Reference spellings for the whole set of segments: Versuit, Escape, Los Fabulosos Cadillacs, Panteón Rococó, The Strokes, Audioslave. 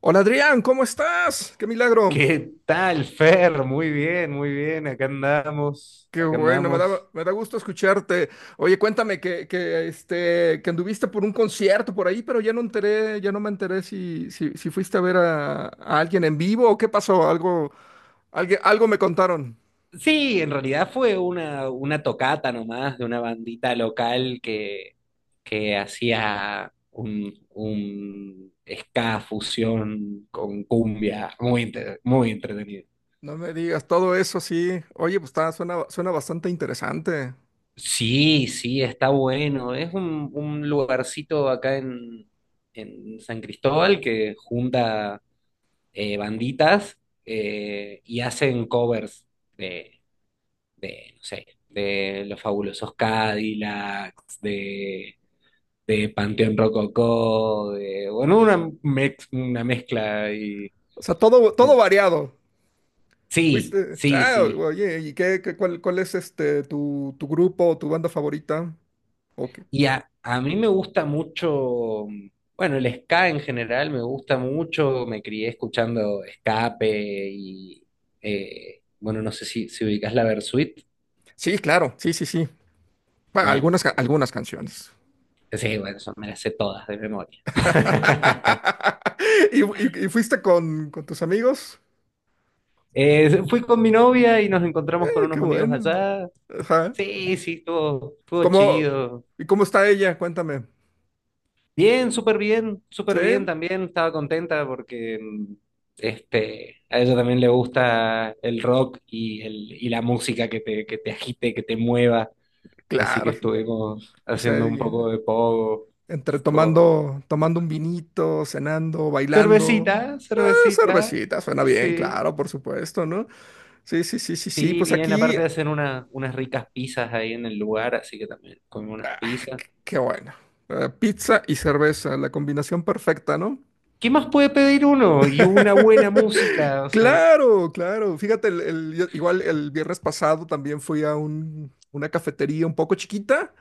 Hola Adrián, ¿cómo estás? ¡Qué milagro! ¿Qué tal, Fer? Muy bien, muy bien. Acá andamos, Qué acá bueno, me da, andamos. me da gusto escucharte. Oye, cuéntame que anduviste por un concierto por ahí, pero ya no me enteré si fuiste a ver a alguien en vivo o qué pasó, algo, algo me contaron. Sí, en realidad fue una tocata nomás de una bandita local que hacía un ska fusión con cumbia, muy, muy entretenido. No me digas, todo eso sí. Oye, pues está, suena bastante interesante. Sí, sí, está bueno. Es un lugarcito acá en San Cristóbal que junta banditas y hacen covers de, no sé, de Los Fabulosos Cadillacs, de Panteón Rococó, de, bueno, una, una mezcla. O sea, todo en- variado. sí, Fuiste. sí, Ah, sí. oye, ¿y cuál es tu grupo o tu banda favorita? Ok. Y a mí me gusta mucho, bueno, el ska en general me gusta mucho, me crié escuchando Escape y, bueno, no sé si ubicás la Versuit, Sí, claro, sí, sí, sí. Bueno, bueno. algunas, algunas canciones. Sí, bueno, eso me las sé todas de memoria. ¿Y, y fuiste con tus amigos? Fui con mi novia y nos encontramos con Qué unos amigos bueno. allá. Ajá. Sí, sí, estuvo ¿Cómo, chido. y cómo está ella? Cuéntame. Bien, súper bien, Sí, súper bien también. Estaba contenta porque a ella también le gusta el rock y, y la música que que te agite, que te mueva. Así que claro. estuvimos O sea, haciendo un poco de pogo. entre Estuvo- tomando un vinito, cenando, bailando. Cervecita, cervecita. Cervecita, suena Sí, bien, sí. claro, por supuesto, ¿no? Sí, sí, sí, sí, sí. Sí, Pues bien, aquí, aparte de hacer unas ricas pizzas ahí en el lugar, así que también comí unas pizzas. qué bueno. Pizza y cerveza, la combinación perfecta, ¿no? ¿Qué más puede pedir uno? Y una buena música, o sea. Claro, claro. Fíjate, igual el viernes pasado también fui a una cafetería un poco chiquita.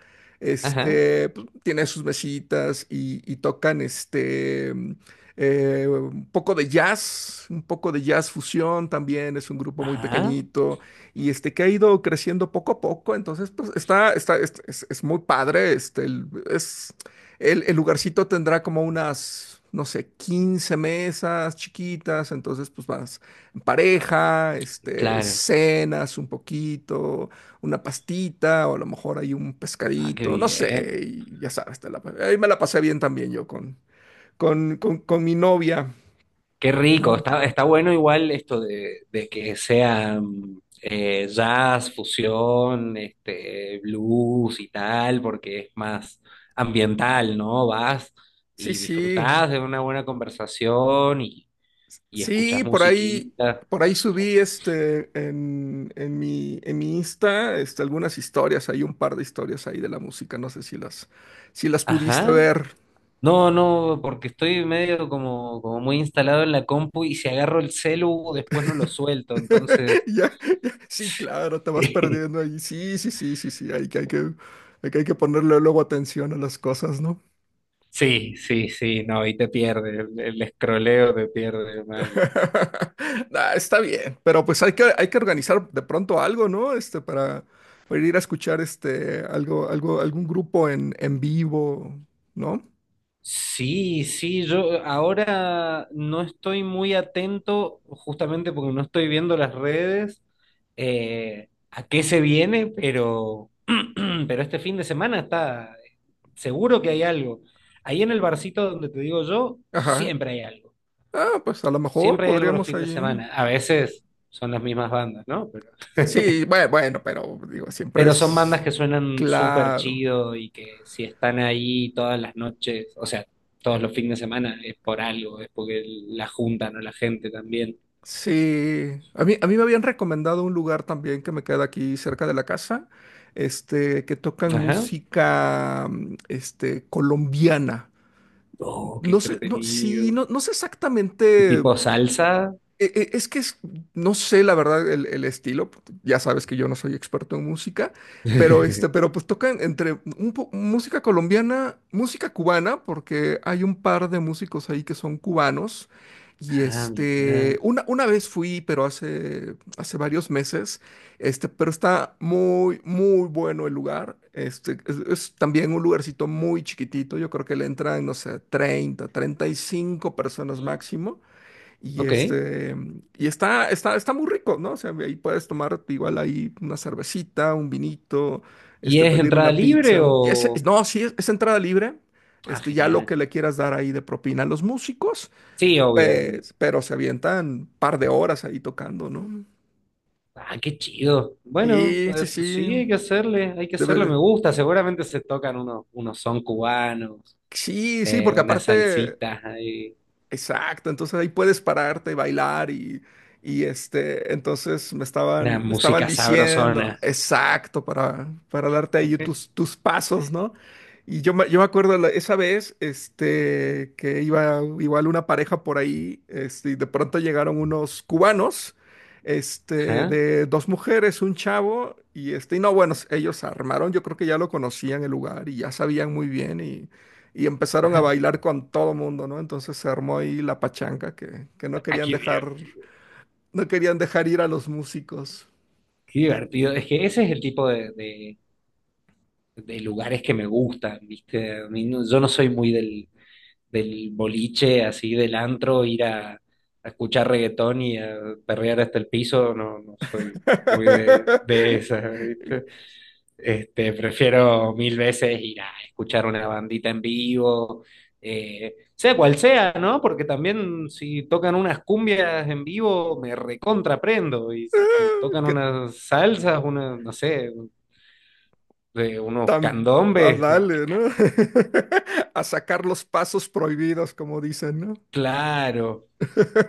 Ajá, Pues, tiene sus mesitas y tocan un poco de jazz, un poco de jazz fusión también. Es un grupo muy ajá, pequeñito y que ha ido creciendo poco a poco. Entonces, pues es muy padre. El lugarcito tendrá como unas, no sé, 15 mesas chiquitas, entonces pues vas en pareja, claro. cenas un poquito, una pastita o a lo mejor hay un Ah, qué pescadito, no bien. sé, y ya sabes, te la ahí me la pasé bien también yo con mi novia, Qué rico, ¿no? está, está bueno igual esto de que sea jazz, fusión, este, blues y tal, porque es más ambiental, ¿no? Vas Sí, y sí. disfrutás de una buena conversación y Sí, escuchás musiquita. por ahí subí en en mi Insta, algunas historias, hay un par de historias ahí de la música, no sé si las pudiste Ajá. ver. No, no, porque estoy medio como, como muy instalado en la compu y si agarro el celu, después no lo suelto. Entonces, Ya, ya, sí, claro, te vas perdiendo ahí. Sí, sí, sí, sí, sí, hay que ponerle luego atención a las cosas, ¿no? sí, sí, sí, no, y te pierde, el escroleo te pierde mal. Nah, está bien, pero pues hay que organizar de pronto algo, ¿no? Para ir a escuchar algún grupo en vivo, ¿no? Sí, sí, yo ahora no estoy muy atento, justamente porque no estoy viendo las redes, a qué se viene, pero, pero este fin de semana está seguro que hay algo. Ahí en el barcito donde te digo yo, Ajá. siempre hay algo. Ah, pues a lo mejor Siempre hay algo los podríamos fines de ahí. semana. A veces son las mismas bandas, ¿no? Sí, bueno, bueno, pero digo, siempre Pero son bandas es que suenan súper claro. chido y que si están ahí todas las noches, o sea, todos los fines de semana, es por algo, es porque la juntan o la gente también. Sí. A mí me habían recomendado un lugar también que me queda aquí cerca de la casa, que tocan Ajá. música, colombiana. Oh, qué No sé, no, entretenido. sí, no, no sé Sí, exactamente tipo salsa. Es que no sé la verdad el estilo, ya sabes que yo no soy experto en música, pero este, pero pues tocan entre música colombiana, música cubana, porque hay un par de músicos ahí que son cubanos. Y Ah, este, mira. una, una vez fui, pero hace varios meses, pero está muy, muy bueno el lugar. Es también un lugarcito muy chiquitito, yo creo que le entran, no sé, 30, 35 personas máximo. Ok. Está muy rico, ¿no? O sea, ahí puedes tomar igual ahí una cervecita, un vinito, ¿Y es pedir entrada una libre pizza. O...? No, sí, es entrada libre. Ah, Ya lo genial. que le quieras dar ahí de propina a los músicos, Sí, obvio, obvio. pues, pero se avientan par de horas ahí tocando, ¿no? Ah, qué chido. Bueno, Sí, sí, sí, sí. Hay que Debe hacerle, me de- gusta. Seguramente se tocan unos, unos son cubanos, Sí, sí, porque unas aparte. salsitas ahí. Exacto, entonces ahí puedes pararte, bailar y entonces Una me estaban música diciendo, sabrosona. exacto, para darte ahí tus pasos, ¿no? Y yo me acuerdo esa vez, que iba igual una pareja por ahí, y de pronto llegaron unos cubanos, Ajá, de dos mujeres, un chavo, y no, bueno, ellos armaron, yo creo que ya lo conocían el lugar y ya sabían muy bien y empezaron a ajá. bailar con todo mundo, ¿no? Entonces se armó ahí la pachanga que Ah, qué diver- no querían dejar ir a los músicos. qué divertido. Es que ese es el tipo de, de lugares que me gustan, ¿viste? A mí no- yo no soy muy del, del boliche, así del antro, ir a escuchar reggaetón y a perrear hasta el piso. No, no soy muy de esas, ¿viste? Este, prefiero mil veces ir a escuchar una bandita en vivo, sea cual sea, ¿no? Porque también si tocan unas cumbias en vivo, me recontraprendo. Y si tocan Que unas salsas, una, no sé, de unos tan a candombes, no, me darle, ¿no? encanta. A sacar los pasos prohibidos, como dicen, ¿no? Claro,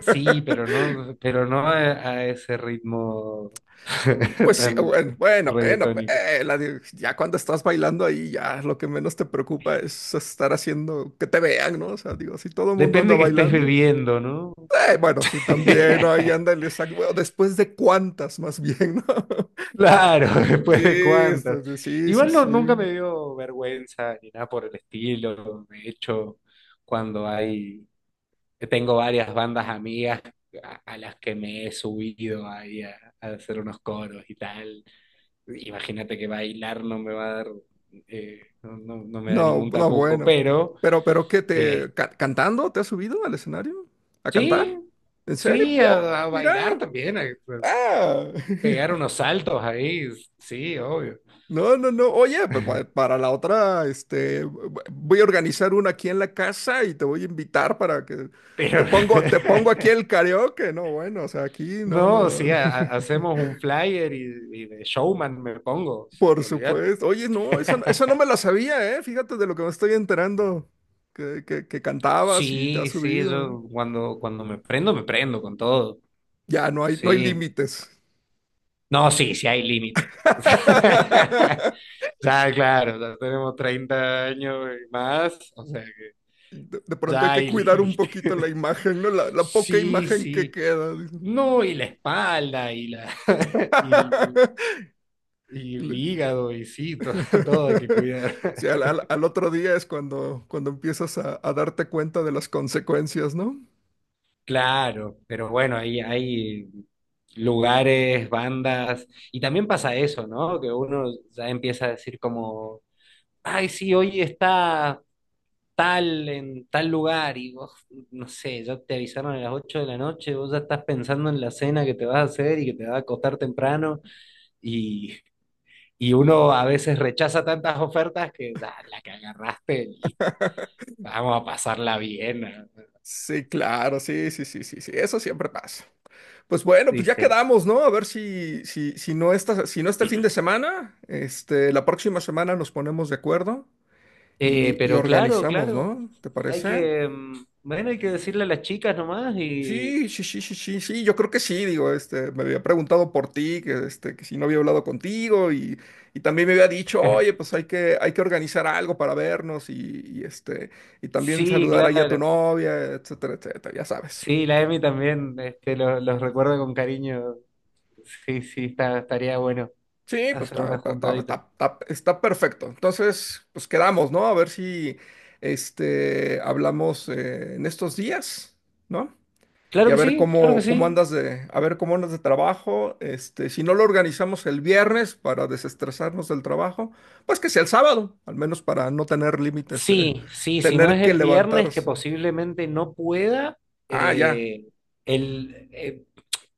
sí, pero no a ese ritmo Pues sí, tan bueno, bueno, bueno, reggaetónico. Ya cuando estás bailando ahí, ya lo que menos te preocupa es estar haciendo que te vean, ¿no? O sea, digo, si todo el mundo anda Depende que estés bailando. bebiendo, ¿no? Bueno, sí, también, ¿no? Ahí ándale, exacto. Bueno, después de cuántas, más bien, ¿no? Claro, después de Sí, cuántas. sí, sí, sí, Igual no, sí. nunca me dio vergüenza ni nada por el estilo. De hecho, cuando hay, tengo varias bandas amigas a las que me he subido ahí a hacer unos coros y tal. Imagínate que bailar no me va a dar, no me da No, ningún no, tapujo, bueno. pero Pero ¿qué eh, te cantando? ¿Te has subido al escenario? ¿A cantar? sí, ¿En serio? sí, Oh, a mira. bailar también, a Ah. pegar unos saltos ahí, sí, obvio. No, no, no. Oye, pues, para la otra, voy a organizar una aquí en la casa y te voy a invitar para que Pero te pongo aquí el karaoke. No, bueno, o sea, aquí, no, no, No, no. sí, hacemos un flyer y de showman me pongo, Por olvídate. supuesto. Oye, no, esa, no esa no me la sabía, ¿eh? Fíjate de lo que me estoy enterando. Que cantabas y te has Sí, sí, subido. yo cuando, cuando me prendo con todo. Ya, no hay Sí. límites. No, sí, sí hay límites. Ya, claro, ya tenemos 30 años y más, o sea que De pronto hay ya que hay cuidar un límites. poquito la imagen, ¿no? La poca Sí, imagen que sí. queda, dice. No, y la espalda y la y, y el Le- hígado y sí, todo, todo hay que cuidar. Sí, al otro día es cuando empiezas a darte cuenta de las consecuencias, ¿no? Claro, pero bueno, hay lugares, bandas, y también pasa eso, ¿no? Que uno ya empieza a decir como, ay, sí, hoy está tal en tal lugar, y vos, no sé, ya te avisaron a las 8 de la noche, vos ya estás pensando en la cena que te vas a hacer y que te vas a acostar temprano, y, y uno a veces rechaza tantas ofertas que ya la que agarraste, listo, vamos a pasarla bien, ¿no? Sí, claro, sí, sí, sí, sí, sí. Eso siempre pasa. Pues bueno, pues ya dice. quedamos, ¿no? A ver si no este fin de semana, la próxima semana nos ponemos de acuerdo y Pero claro, organizamos, claro, ¿no? ¿Te hay parece? que, mm, bueno, hay que decirle a las chicas nomás y... Sí, sí, sí, sí, sí, sí, yo creo que sí, digo, me había preguntado por ti, que si no había hablado contigo y también me había dicho, oye, pues hay que organizar algo para vernos y, este, y también Sí, saludar ahí a tu claro. novia, etcétera, etcétera, ya sabes. Sí, la Emi también, este, los recuerdo con cariño. Sí, sí, está, estaría bueno Sí, pues hacer una juntadita. Está perfecto. Entonces, pues quedamos, ¿no? A ver si hablamos en estos días, ¿no? Y Claro a que sí, ver claro que cómo, sí. cómo andas de, a ver cómo andas de trabajo. Si no lo organizamos el viernes para desestresarnos del trabajo, pues que sea el sábado, al menos para no tener límites de Sí, sí, si no tener es que el viernes que levantarse. posiblemente no pueda, Ah, ya. eh, el, eh,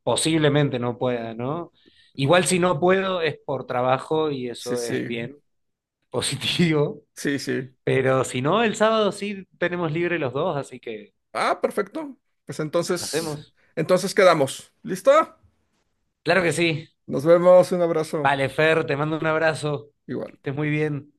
posiblemente no pueda, ¿no? Igual si no puedo es por trabajo y Sí, eso es sí. bien, positivo. Sí, sí. Pero si no, el sábado sí tenemos libre los dos, así que Ah, perfecto. Pues hacemos. entonces quedamos. ¿Listo? Claro que sí. Nos vemos, un abrazo. Vale, Fer, te mando un abrazo. Que Igual. estés muy bien.